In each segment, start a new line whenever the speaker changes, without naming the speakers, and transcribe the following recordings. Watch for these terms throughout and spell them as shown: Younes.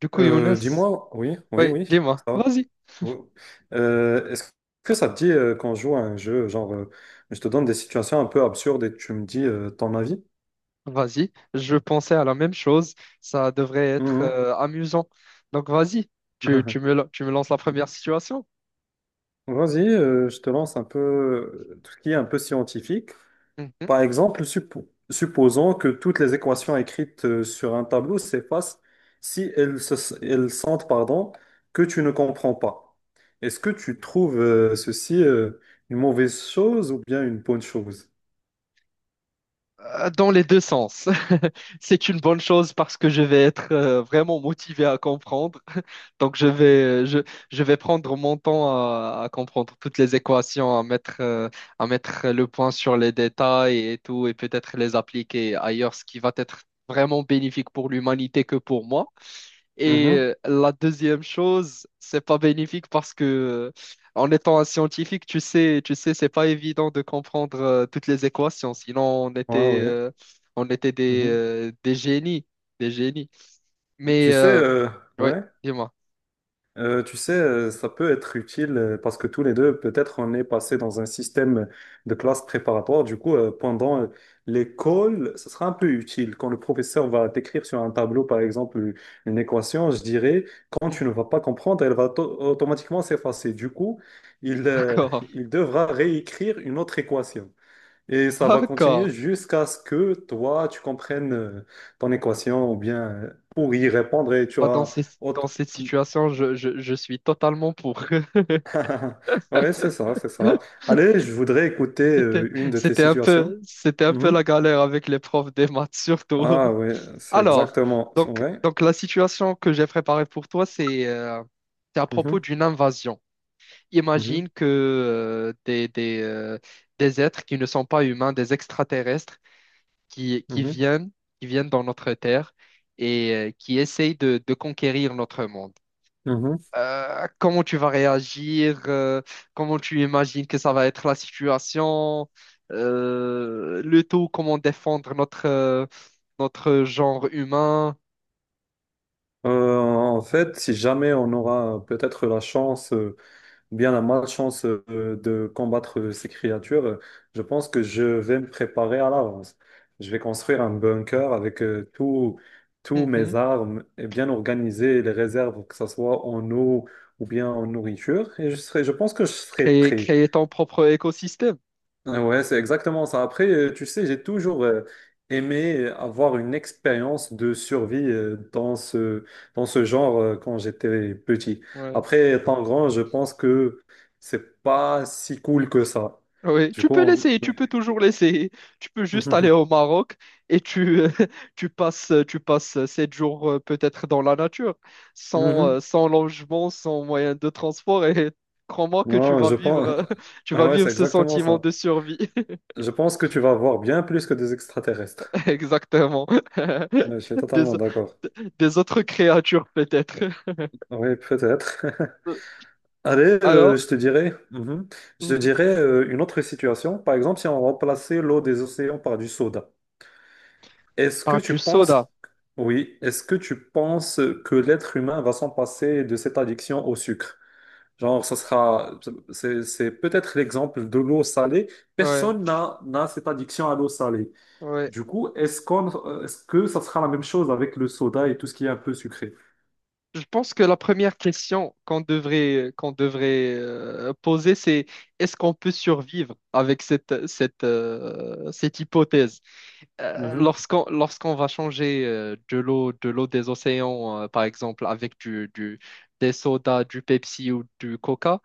Du coup, Younes,
Dis-moi, oui, oui,
ouais. Oui,
oui,
dis-moi,
ça va.
vas-y,
Oui. Est-ce que ça te dit qu'on joue à un jeu, genre, je te donne des situations un peu absurdes et tu me dis ton avis?
vas-y, je pensais à la même chose, ça devrait être
Mhm.
amusant. Donc, vas-y, tu me lances la première situation.
Vas-y, je te lance un peu tout ce qui est un peu scientifique. Par exemple, supposons que toutes les équations écrites sur un tableau s'effacent si elles, elles sentent, pardon, que tu ne comprends pas. Est-ce que tu trouves ceci une mauvaise chose ou bien une bonne chose?
Dans les deux sens. C'est une bonne chose parce que je vais être vraiment motivé à comprendre. Donc, je vais prendre mon temps à comprendre toutes les équations, à mettre le point sur les détails et tout, et peut-être les appliquer ailleurs, ce qui va être vraiment bénéfique pour l'humanité que pour moi. Et
Mhm.
la deuxième chose, c'est pas bénéfique parce que en étant un scientifique, tu sais, c'est pas évident de comprendre toutes les équations. Sinon,
Ouais, ouais.
on était
Mhm.
des génies, des génies.
Tu
Mais
sais,
oui,
ouais.
dis-moi.
Tu sais, ça peut être utile parce que tous les deux, peut-être, on est passé dans un système de classe préparatoire. Du coup, pendant l'école, ce sera un peu utile. Quand le professeur va t'écrire sur un tableau, par exemple, une équation, je dirais, quand tu
Mhm.
ne vas pas comprendre, elle va automatiquement s'effacer. Du coup, il, euh,
D'accord,
il devra réécrire une autre équation. Et ça va continuer
d'accord.
jusqu'à ce que toi, tu comprennes ton équation ou bien pour y répondre et tu
Ah, dans
as.
dans
autre-
cette situation, je suis totalement pour.
Ouais, c'est ça, c'est ça. Allez, je voudrais écouter une de tes situations.
C'était un peu la
Mhm.
galère avec les profs des maths, surtout.
Ah oui, c'est
Alors,
exactement, c'est
donc,
vrai.
donc la situation que j'ai préparée pour toi, c'est à propos
Mhm,
d'une invasion.
mhm,
Imagine que des êtres qui ne sont pas humains, des extraterrestres, qui, qui
mhm,
viennent, qui viennent dans notre Terre et qui essayent de conquérir notre monde.
mhm.
Comment tu vas réagir? Comment tu imagines que ça va être la situation? Le tout, comment défendre notre, notre genre humain?
En fait, si jamais on aura peut-être la chance ou bien la malchance de combattre ces créatures, je pense que je vais me préparer à l'avance. Je vais construire un bunker avec tous
Hum,
mes
hum.
armes et bien organiser les réserves, que ce soit en eau ou bien en nourriture. Et je serai, je pense que je serai
Créer,
prêt.
créer ton propre écosystème.
Ouais, c'est exactement ça. Après, tu sais, j'ai toujours aimé avoir une expérience de survie dans ce genre quand j'étais petit.
Ouais.
Après, étant grand, je pense que c'est pas si cool que ça.
Oui,
Du
tu
coup,
peux l'essayer, tu
ouais.
peux toujours l'essayer. Tu peux juste aller au Maroc et tu passes sept jours peut-être dans la nature,
Mhm.
sans logement, sans moyen de transport et crois-moi que tu
Ouais,
vas
je
vivre,
pense.
euh, tu vas
Ouais, c'est
vivre ce
exactement
sentiment
ça.
de survie.
Je pense que tu vas voir bien plus que des extraterrestres.
Exactement.
Ouais, je suis
Des,
totalement d'accord.
des autres créatures peut-être.
Oui, peut-être. Allez,
Alors?
je te dirais, mhm. Je te
Mhm.
dirais une autre situation. Par exemple, si on remplaçait l'eau des océans par du soda, est-ce que
Par
tu
du soda.
penses, oui, est-ce que tu penses que l'être humain va s'en passer de cette addiction au sucre? Genre, c'est peut-être l'exemple de l'eau salée.
Ouais,
Personne n'a cette addiction à l'eau salée.
ouais.
Du coup, est-ce que ça sera la même chose avec le soda et tout ce qui est un peu sucré?
Je pense que la première question qu'on devrait poser, c'est est-ce qu'on peut survivre avec cette hypothèse?
Mhm,
Lorsqu'on va changer de l'eau des océans, par exemple, avec des sodas, du Pepsi ou du Coca,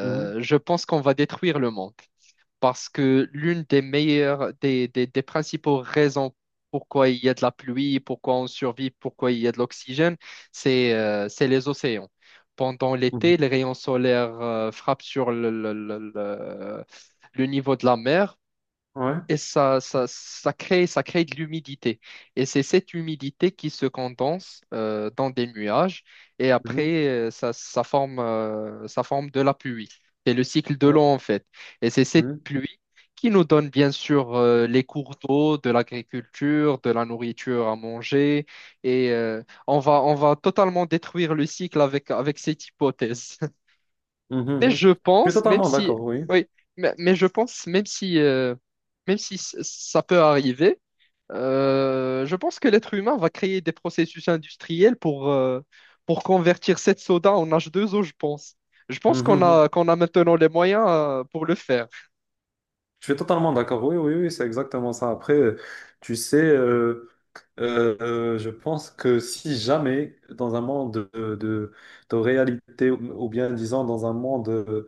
mhm,
je pense qu'on va détruire le monde parce que l'une des meilleures, des principaux raisons pourquoi il y a de la pluie, pourquoi on survit, pourquoi il y a de l'oxygène, c'est les océans. Pendant l'été,
mhm.
les rayons solaires frappent sur le niveau de la mer
Ouais.
et ça crée de l'humidité. Et c'est cette humidité qui se condense dans des nuages et
Mhm,
après, ça forme de la pluie. C'est le cycle de
ouais,
l'eau en fait. Et c'est cette
mhm.
pluie qui nous donne bien sûr les cours d'eau, de l'agriculture, de la nourriture à manger. Et on va totalement détruire le cycle avec, avec cette hypothèse.
Mhm,
Mais
mhm.
je
Je suis
pense, même
totalement
si,
d'accord, oui.
oui, mais je pense, même si ça peut arriver, je pense que l'être humain va créer des processus industriels pour convertir cette soda en H2O, je pense. Je pense
Mhm, mhm.
qu'on a maintenant les moyens, pour le faire.
Je suis totalement d'accord, oui, oui, oui, c'est exactement ça. Après, tu sais, je pense que si jamais, dans un monde de réalité, ou bien disons dans un monde,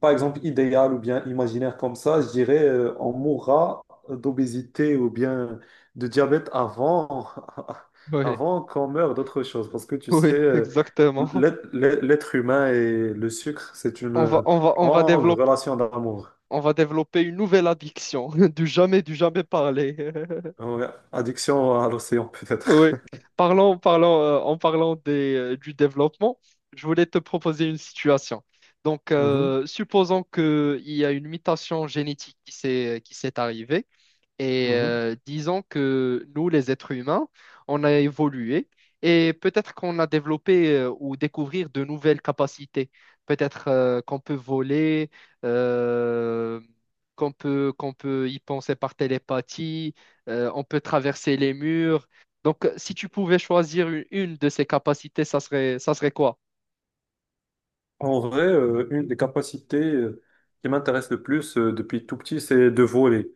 par exemple, idéal ou bien imaginaire comme ça, je dirais, on mourra d'obésité ou bien de diabète avant,
Oui,
avant qu'on meure d'autre chose. Parce que tu sais,
oui, exactement.
l'être humain et le sucre, c'est une
On va, on va, on va
longue
développer,
relation d'amour.
on va développer une nouvelle addiction, du jamais parler.
Ouais, addiction à l'océan,
Oui.
peut-être.
Parlons, parlons, en parlant des, du développement, je voulais te proposer une situation. Donc,
Mhm,
supposons qu'il y a une mutation génétique qui s'est arrivée. Et
mhm.
disons que nous, les êtres humains, on a évolué et peut-être qu'on a développé ou découvert de nouvelles capacités. Peut-être qu'on peut voler, euh, qu'on peut y penser par télépathie, on peut traverser les murs. Donc, si tu pouvais choisir une de ces capacités, ça serait quoi?
En vrai, une des capacités qui m'intéresse le plus depuis tout petit, c'est de voler.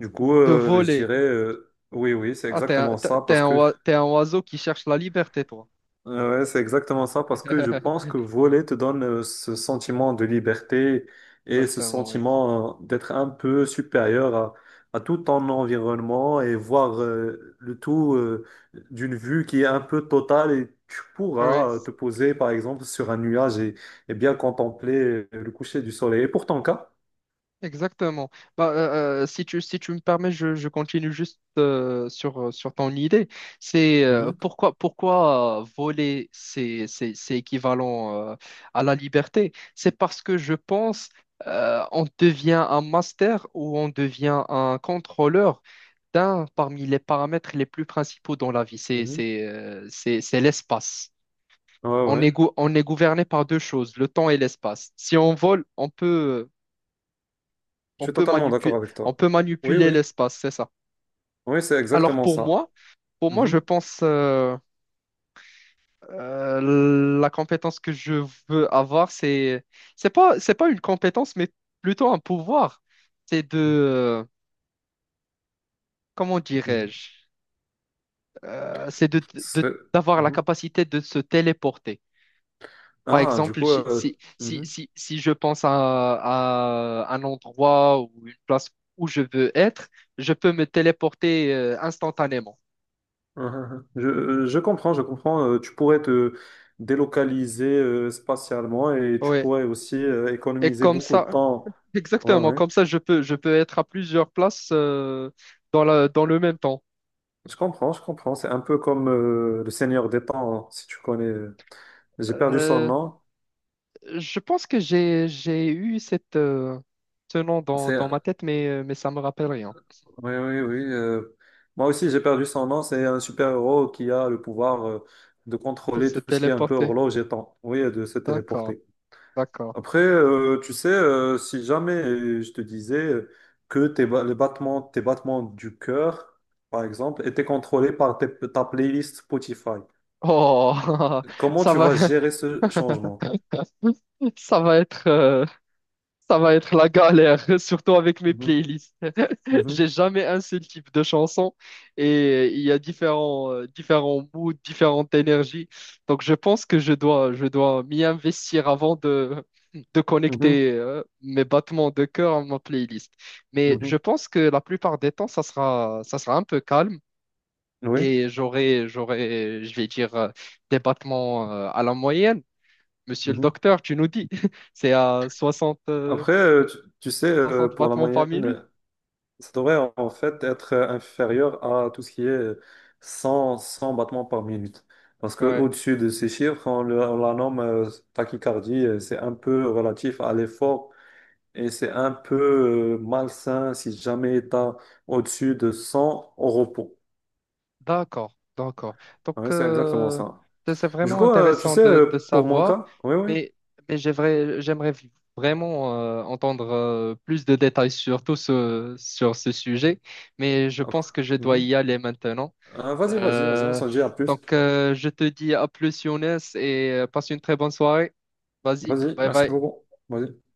Du coup,
De
je
voler.
dirais, oui, oui, c'est
Ah,
exactement ça,
t'es
parce
un
que
t'es un oiseau qui cherche la liberté, toi.
Ouais, c'est exactement ça, parce que je pense que voler te donne ce sentiment de liberté et ce
Exactement, oui.
sentiment d'être un peu supérieur à tout ton environnement et voir le tout d'une vue qui est un peu totale et tu
Oui.
pourras te poser par exemple sur un nuage et bien contempler le coucher du soleil. Et pour ton cas?
Exactement. Bah, si si tu me permets, je continue juste sur ton idée. C'est
Mhm,
pourquoi voler, c'est équivalent à la liberté. C'est parce que je pense on devient un master ou on devient un contrôleur d'un parmi les paramètres les plus principaux dans la vie.
mhm.
C'est l'espace.
Ouais,
On
ouais,
est, on est gouverné par deux choses, le temps et l'espace. Si on vole,
je
On
suis
peut
totalement d'accord
manipuler,
avec
on
toi.
peut
Oui,
manipuler
oui,
l'espace, c'est ça.
oui, c'est
Alors
exactement ça.
pour moi, je
Mhm,
pense la compétence que je veux avoir, c'est c'est pas une compétence, mais plutôt un pouvoir. C'est de comment
mhm.
dirais-je, c'est de,
Ce serait-
d'avoir la
Mhm.
capacité de se téléporter. Par
Ah, du
exemple,
coup, mhm.
si je pense à un endroit ou une place où je veux être, je peux me téléporter instantanément.
Ah, ah, ah. Je comprends, je comprends. Tu pourrais te délocaliser spatialement et tu
Oui.
pourrais aussi
Et
économiser
comme
beaucoup de
ça,
temps. Ouais,
exactement,
ouais.
comme ça, je peux être à plusieurs places dans la, dans le même temps.
Je comprends, je comprends. C'est un peu comme le Seigneur des Temps, hein, si tu connais. J'ai perdu son
Euh,
nom.
je pense que j'ai eu cette, ce nom dans, dans
C'est...
ma tête, mais ça me rappelle rien.
Oui, oui, oui. Moi aussi, j'ai perdu son nom. C'est un super-héros qui a le pouvoir de
De
contrôler
se
tout ce qui est un peu
téléporter.
horloge et temps. Oui, et de se
D'accord,
téléporter.
d'accord.
Après, tu sais, si jamais je te disais que les battements, tes battements du cœur, par exemple, étaient contrôlés par ta playlist Spotify,
Oh,
comment
ça
tu
va,
vas gérer ce changement?
ça va être, euh, ça va être la galère, surtout avec mes
Mhm,
playlists. J'ai
mhm,
jamais un seul type de chanson et il y a différents, différents moods, différentes énergies. Donc je pense que je dois m'y investir avant de
mhm,
connecter mes battements de cœur à ma playlist. Mais
mhm.
je pense que la plupart des temps, ça sera un peu calme
Oui.
et je vais dire, des battements à la moyenne. Monsieur le
Mhm.
docteur, tu nous dis, c'est à
Après, tu sais,
60
pour la
battements par minute.
moyenne, ça devrait en fait être inférieur à tout ce qui est 100, 100 battements par minute. Parce que
Ouais.
au-dessus de ces chiffres, on la nomme tachycardie. C'est un peu relatif à l'effort et c'est un peu malsain si jamais tu as au-dessus de 100 au repos.
D'accord, d'accord. Donc,
Ouais, c'est exactement ça.
c'est
Du
vraiment
coup, tu
intéressant
sais,
de
pour mon
savoir,
cas, oui, oui.
mais, mais j'aimerais, j'aimerais vraiment entendre plus de détails sur tout ce, sur ce sujet, mais je
Après.
pense que je dois
Mhm.
y aller maintenant.
Vas-y, vas-y, vas-y, on
Euh,
s'en dit à plus.
donc, je te dis à plus, Younes, et passe une très bonne soirée. Vas-y,
Vas-y,
bye
merci
bye.
beaucoup. Vas-y.